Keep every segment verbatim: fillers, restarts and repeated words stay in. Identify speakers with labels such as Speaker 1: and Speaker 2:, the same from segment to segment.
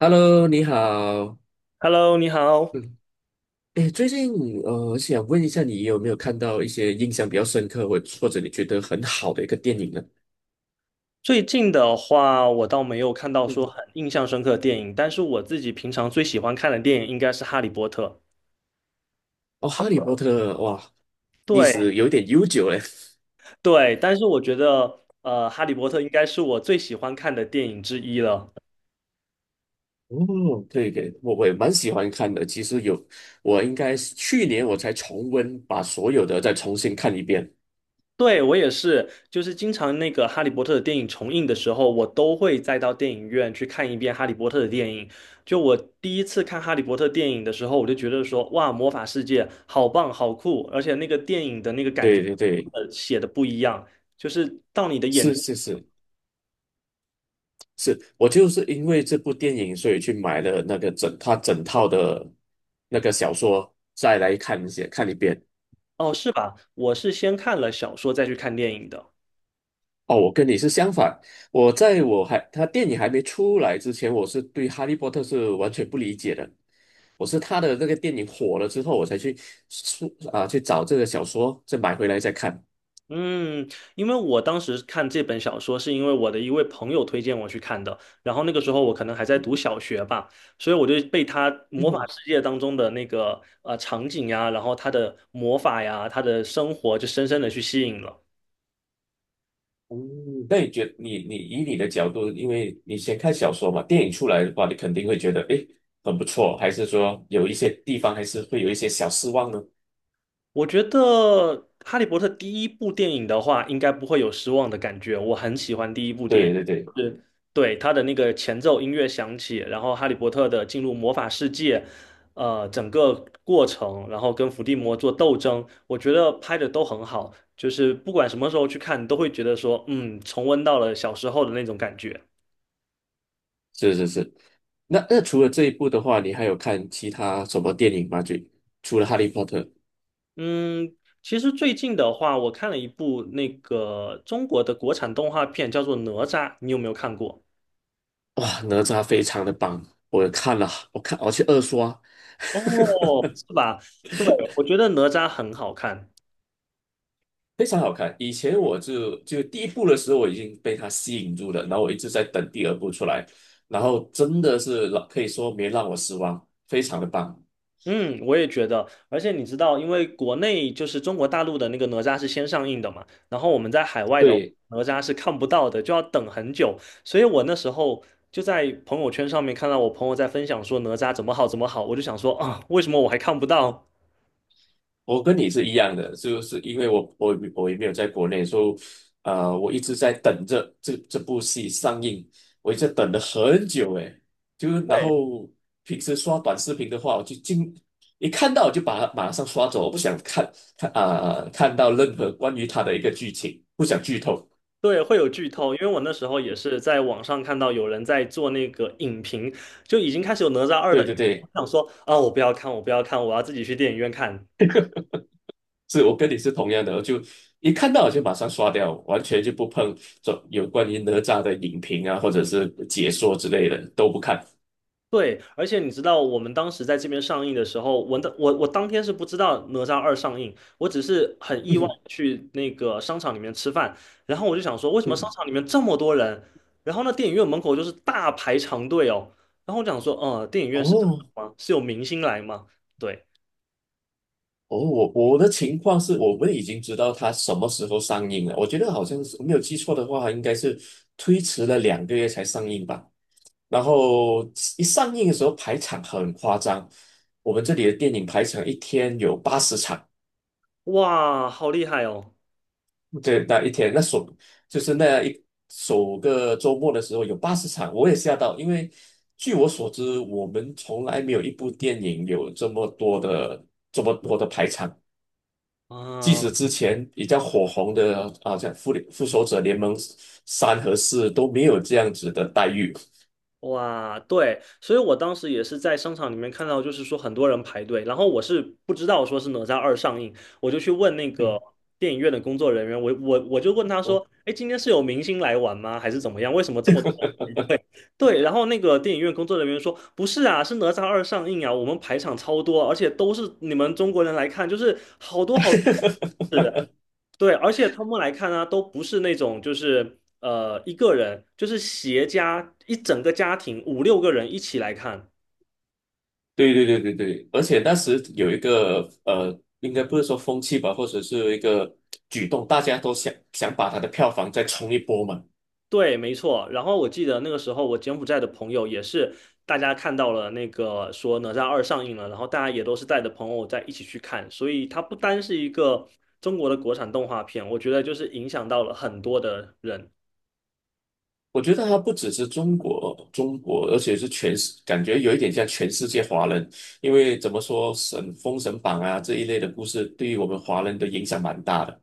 Speaker 1: Hello，你好。
Speaker 2: Hello，你好。
Speaker 1: 嗯，哎，最近呃，我想问一下，你有没有看到一些印象比较深刻，或或者你觉得很好的一个电影呢？
Speaker 2: 最近的话，我倒没有看到说
Speaker 1: 嗯，
Speaker 2: 很印象深刻的电影，但是我自己平常最喜欢看的电影应该是《哈利波特》。
Speaker 1: 哦，《哈利波特》哇，历
Speaker 2: 对
Speaker 1: 史有点悠久嘞。
Speaker 2: 对，但是我觉得，呃，《哈利波特》应该是我最喜欢看的电影之一了。
Speaker 1: 哦，对对，我我也蛮喜欢看的。其实有，我应该是去年我才重温，把所有的再重新看一遍。
Speaker 2: 对，我也是，就是经常那个《哈利波特》的电影重映的时候，我都会再到电影院去看一遍《哈利波特》的电影。就我第一次看《哈利波特》电影的时候，我就觉得说，哇，魔法世界好棒，好酷，而且那个电影的那个感觉，
Speaker 1: 对对对，
Speaker 2: 呃，写的不一样，就是到你的眼
Speaker 1: 是
Speaker 2: 睛。
Speaker 1: 是是。是我就是因为这部电影，所以去买了那个整他整套的那个小说，再来看一些看一遍。
Speaker 2: 哦，是吧？我是先看了小说再去看电影的。
Speaker 1: 哦，我跟你是相反，我在我还他电影还没出来之前，我是对《哈利波特》是完全不理解的。我是他的那个电影火了之后，我才去出啊去找这个小说，再买回来再看。
Speaker 2: 嗯，因为我当时看这本小说，是因为我的一位朋友推荐我去看的。然后那个时候我可能还在读小学吧，所以我就被他魔法 世界当中的那个呃场景呀，然后他的魔法呀，他的生活就深深的去吸引了。
Speaker 1: 嗯，那你觉你你以你的角度，因为你先看小说嘛，电影出来的话，你肯定会觉得诶很不错，还是说有一些地方还是会有一些小失望呢？
Speaker 2: 我觉得《哈利波特》第一部电影的话，应该不会有失望的感觉。我很喜欢第一部电影，
Speaker 1: 对对对，
Speaker 2: 就是对它的那个前奏音乐响起，然后哈利波特的进入魔法世界，呃，整个过程，然后跟伏地魔做斗争，我觉得拍的都很好。就是不管什么时候去看，都会觉得说，嗯，重温到了小时候的那种感觉。
Speaker 1: 是是是。那那除了这一部的话，你还有看其他什么电影吗？就除了《哈利波特》，
Speaker 2: 嗯，其实最近的话，我看了一部那个中国的国产动画片，叫做《哪吒》，你有没有看过？
Speaker 1: 哇，哪吒非常的棒，我看了，我看我去二刷，
Speaker 2: 哦，是吧？对，我觉得哪吒很好看。
Speaker 1: 非常好看。以前我就就第一部的时候，我已经被它吸引住了，然后我一直在等第二部出来，然后真的是让可以说没让我失望，非常的棒。
Speaker 2: 嗯，我也觉得。而且你知道，因为国内就是中国大陆的那个哪吒是先上映的嘛，然后我们在海外的
Speaker 1: 对。
Speaker 2: 哪吒是看不到的，就要等很久。所以我那时候就在朋友圈上面看到我朋友在分享说哪吒怎么好怎么好，我就想说啊，为什么我还看不到？
Speaker 1: 我跟你是一样的，就是因为我我我也没有在国内，所以呃，我一直在等着这这部戏上映，我一直等了很久诶，就然
Speaker 2: 对。
Speaker 1: 后平时刷短视频的话，我就经一看到我就把它马上刷走，我不想看看啊、看到任何关于他的一个剧情，不想剧透。
Speaker 2: 对，会有剧透，因为我那时候也是在网上看到有人在做那个影评，就已经开始有《哪吒二》的
Speaker 1: 对
Speaker 2: 影
Speaker 1: 对
Speaker 2: 评，我
Speaker 1: 对，
Speaker 2: 想说啊，我不要看，我不要看，我要自己去电影院看。
Speaker 1: 是我跟你是同样的，我就一看到我就马上刷掉，完全就不碰这有关于哪吒的影评啊，或者是解说之类的都不看。
Speaker 2: 对，而且你知道，我们当时在这边上映的时候，我的我我当天是不知道《哪吒二》上映，我只是很意外 地去那个商场里面吃饭，然后我就想说，为什么商
Speaker 1: 嗯，
Speaker 2: 场里面这么多人？然后呢，电影院门口就是大排长队哦。然后我想说，呃，电影院是特
Speaker 1: 哦
Speaker 2: 效吗？是有明星来吗？对，
Speaker 1: 哦，我我的情况是我们已经知道它什么时候上映了。我觉得好像是没有记错的话，应该是推迟了两个月才上映吧。然后一上映的时候排场很夸张，我们这里的电影排场一天有八十场，
Speaker 2: 哇，好厉害哦！
Speaker 1: 对，那一天那首就是那一首个周末的时候有八十场，我也吓到，因为据我所知，我们从来没有一部电影有这么多的这么多的排场。即
Speaker 2: 啊，
Speaker 1: 使之前比较火红的啊，像《复联复仇者联盟三》和四都没有这样子的待遇。
Speaker 2: 哇，对，所以我当时也是在商场里面看到，就是说很多人排队，然后我是不知道说是哪吒二上映，我就去问那个
Speaker 1: 嗯，
Speaker 2: 电影院的工作人员，我我我就问他
Speaker 1: 哦，
Speaker 2: 说，哎，今天是有明星来玩吗？还是怎么样？为什么这么多？对，然后那个电影院工作人员说，不是啊，是哪吒二上映啊，我们排场超多，而且都是你们中国人来看，就是好多好多。对，而且他们来看呢、都不是那种就是呃一个人，就是携家一整个家庭五六个人一起来看。
Speaker 1: 对对对对对，而且当时有一个呃，应该不是说风气吧，或者是一个举动，大家都想想把它的票房再冲一波嘛。
Speaker 2: 对，没错。然后我记得那个时候，我柬埔寨的朋友也是，大家看到了那个说《哪吒二》上映了，然后大家也都是带着朋友在一起去看，所以它不单是一个中国的国产动画片，我觉得就是影响到了很多的人。
Speaker 1: 我觉得它不只是中国，中国，而且是全世，感觉有一点像全世界华人，因为怎么说，神《封神榜》啊这一类的故事，对于我们华人的影响蛮大的。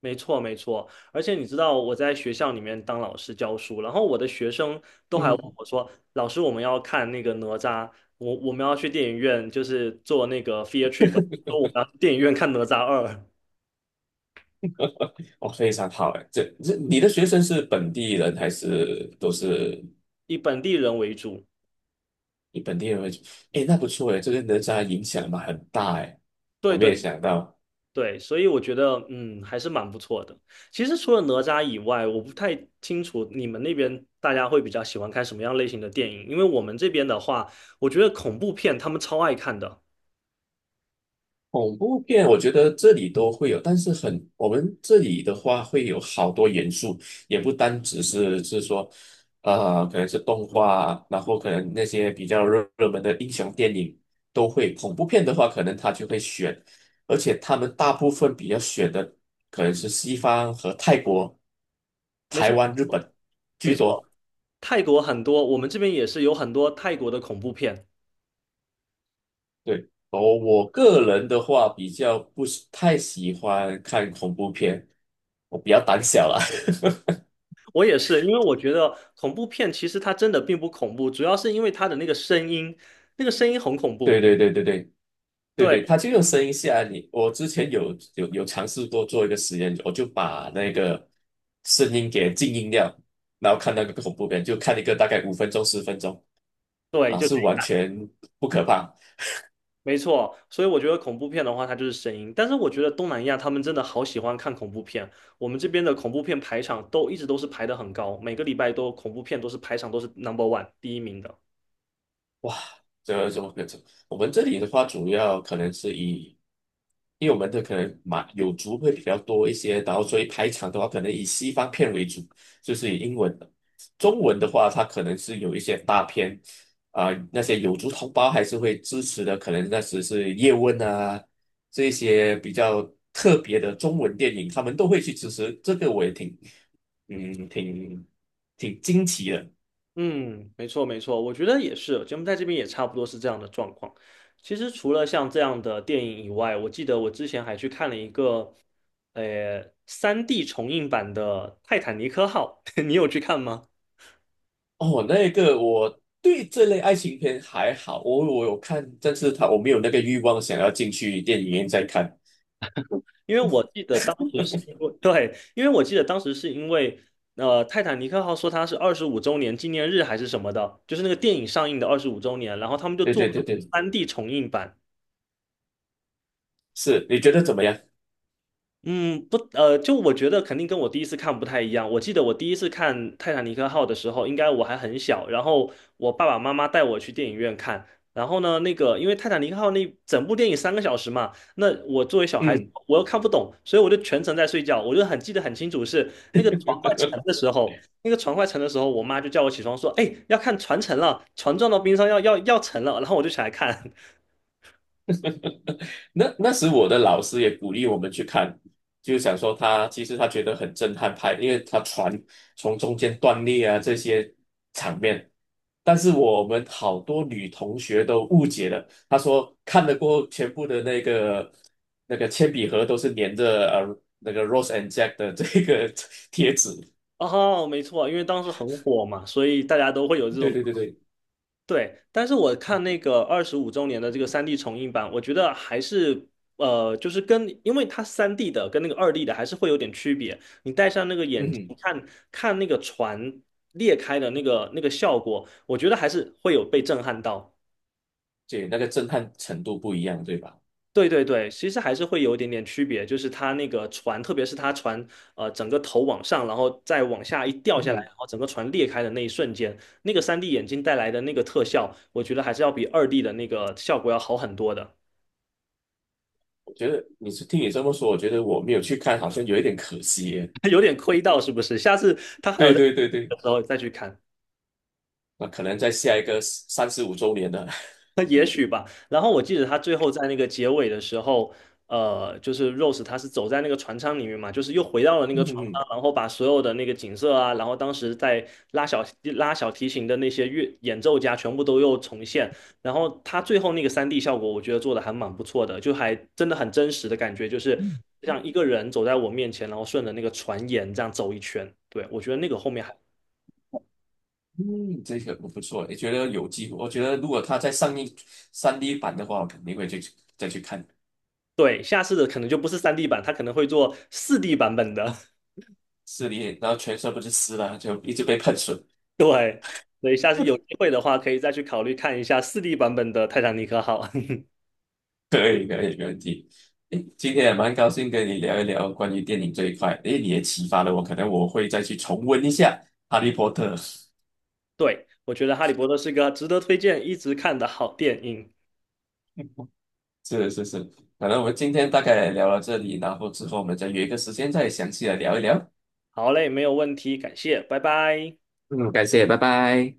Speaker 2: 没错，没错，而且你知道我在学校里面当老师教书，然后我的学生都还问
Speaker 1: 嗯。
Speaker 2: 我说：“老师，我们要看那个哪吒，我我们要去电影院，就是做那个 field trip，啊说我们要去电影院看哪吒二，
Speaker 1: 哦，非常好哎，这这你的学生是本地人还是都是
Speaker 2: 以本地人为主。”
Speaker 1: 你本地人会？哎，那不错哎，这个人才影响嘛很大哎，我
Speaker 2: 对
Speaker 1: 没有
Speaker 2: 对
Speaker 1: 想到。
Speaker 2: 对，所以我觉得嗯还是蛮不错的。其实除了哪吒以外，我不太清楚你们那边大家会比较喜欢看什么样类型的电影，因为我们这边的话，我觉得恐怖片他们超爱看的。
Speaker 1: 恐怖片，我觉得这里都会有，但是很，我们这里的话会有好多元素，也不单只是是说，呃，可能是动画啊，然后可能那些比较热热门的英雄电影都会。恐怖片的话，可能他就会选，而且他们大部分比较选的可能是西方和泰国、
Speaker 2: 没
Speaker 1: 台
Speaker 2: 错。
Speaker 1: 湾、日本
Speaker 2: 没
Speaker 1: 居
Speaker 2: 错，
Speaker 1: 多。
Speaker 2: 泰国很多，我们这边也是有很多泰国的恐怖片。
Speaker 1: 对，我我个人的话比较不是太喜欢看恐怖片，我比较胆小啦。
Speaker 2: 我也是，因为我觉得恐怖片其实它真的并不恐怖，主要是因为它的那个声音，那个声音很恐
Speaker 1: 对
Speaker 2: 怖。
Speaker 1: 对对对对对
Speaker 2: 对
Speaker 1: 对，他就用声音吓你。我之前有有有尝试过做一个实验，我就把那个声音给静音掉，然后看那个恐怖片，就看一个大概五分钟十分钟
Speaker 2: 对，
Speaker 1: 啊，
Speaker 2: 就
Speaker 1: 是完全不可怕。
Speaker 2: 没错。所以我觉得恐怖片的话，它就是声音。但是我觉得东南亚他们真的好喜欢看恐怖片，我们这边的恐怖片排场都一直都是排的很高，每个礼拜都恐怖片都是排场都是 number one 第一名的。
Speaker 1: 哇，这这么这能？我们这里的话，主要可能是以，因为我们的可能马有族会比较多一些，然后所以排场的话，可能以西方片为主，就是以英文的。中文的话，它可能是有一些大片，啊、那些有族同胞还是会支持的，可能那时是叶问啊，这些比较特别的中文电影，他们都会去支持，这个我也挺，嗯，挺挺惊奇的。
Speaker 2: 嗯，没错没错，我觉得也是，节目在这边也差不多是这样的状况。其实除了像这样的电影以外，我记得我之前还去看了一个，呃三 d 重映版的《泰坦尼克号》，你有去看吗？
Speaker 1: 哦，那个我对这类爱情片还好，我我有看，但是他我没有那个欲望想要进去电影院再看。
Speaker 2: 因为我记得当时是因为，对，因为我记得当时是因为，呃，《泰坦尼克号》说它是二十五周年纪念日还是什么的，就是那个电影上映的二十五周年，然后他们就
Speaker 1: 对
Speaker 2: 做
Speaker 1: 对对
Speaker 2: 了
Speaker 1: 对，
Speaker 2: 三 D 重映版。
Speaker 1: 是，你觉得怎么样？
Speaker 2: 嗯，不，呃，就我觉得肯定跟我第一次看不太一样。我记得我第一次看《泰坦尼克号》的时候，应该我还很小，然后我爸爸妈妈带我去电影院看。然后呢，那个因为《泰坦尼克号》那整部电影三个小时嘛，那我作为小孩子，
Speaker 1: 嗯。
Speaker 2: 我又看不懂，所以我就全程在睡觉。我就很记得很清楚是那个船快沉的时候，那个船快沉的时候，我妈就叫我起床说：“哎，要看船沉了，船撞到冰上要要要沉了。”然后我就起来看。
Speaker 1: 那那时我的老师也鼓励我们去看，就想说他其实他觉得很震撼拍，因为他船从中间断裂啊这些场面。但是我们好多女同学都误解了，她说看得过后全部的那个那个铅笔盒都是粘着呃那个 Rose and Jack 的这个 贴纸。
Speaker 2: 哦，没错，因为当时很火嘛，所以大家都会有这
Speaker 1: 对
Speaker 2: 种。
Speaker 1: 对对对，
Speaker 2: 对，但是我看那个二十五周年的这个三 d 重映版，我觉得还是呃，就是跟因为它三 d 的跟那个二 d 的还是会有点区别。你戴上那个
Speaker 1: 嗯
Speaker 2: 眼镜
Speaker 1: 哼，
Speaker 2: 看看那个船裂开的那个那个效果，我觉得还是会有被震撼到。
Speaker 1: 对，那个震撼程度不一样，对吧？
Speaker 2: 对对对，其实还是会有一点点区别，就是它那个船，特别是它船，呃，整个头往上，然后再往下一掉
Speaker 1: 嗯
Speaker 2: 下来，
Speaker 1: 哼，
Speaker 2: 然后整个船裂开的那一瞬间，那个三 d 眼镜带来的那个特效，我觉得还是要比二 d 的那个效果要好很多的，
Speaker 1: 我觉得你是听你这么说，我觉得我没有去看，好像有一点可惜耶。
Speaker 2: 有点亏到是不是？下次它还有
Speaker 1: 对
Speaker 2: 在
Speaker 1: 对对对，
Speaker 2: 的时候再去看。
Speaker 1: 那可能在下一个三十五周年的，
Speaker 2: 也许吧。然后我记得他最后在那个结尾的时候，呃，就是 Rose 他是走在那个船舱里面嘛，就是又回到了 那
Speaker 1: 嗯
Speaker 2: 个船舱，
Speaker 1: 嗯，
Speaker 2: 然后把所有的那个景色啊，然后当时在拉小拉小提琴的那些乐演奏家全部都又重现。然后他最后那个三 d 效果，我觉得做的还蛮不错的，就还真的很真实的感觉，就是像一个人走在我面前，然后顺着那个船沿这样走一圈。对，我觉得那个后面还。
Speaker 1: 嗯这个不错，也觉得有机会。我觉得如果他再上映三 d 版的话，我肯定会去再去看
Speaker 2: 对，下次的可能就不是三 d 版，他可能会做四 d 版本的。
Speaker 1: 四 d 然后全身不是湿了，就一直被喷水。
Speaker 2: 对，所以下次有机会的话，可以再去考虑看一下四 d 版本的《泰坦尼克号》。
Speaker 1: 可以可以，没问题。诶，今天也蛮高兴跟你聊一聊关于电影这一块。诶，你也启发了我，可能我会再去重温一下《哈利波特》。
Speaker 2: 对，我觉得《哈利波特》是个值得推荐、一直看的好电影。
Speaker 1: 是是是，可能我们今天大概聊到这里，然后之后我们再约一个时间再详细的聊一聊。
Speaker 2: 好嘞，没有问题，感谢，拜拜。
Speaker 1: 嗯，感谢，拜拜。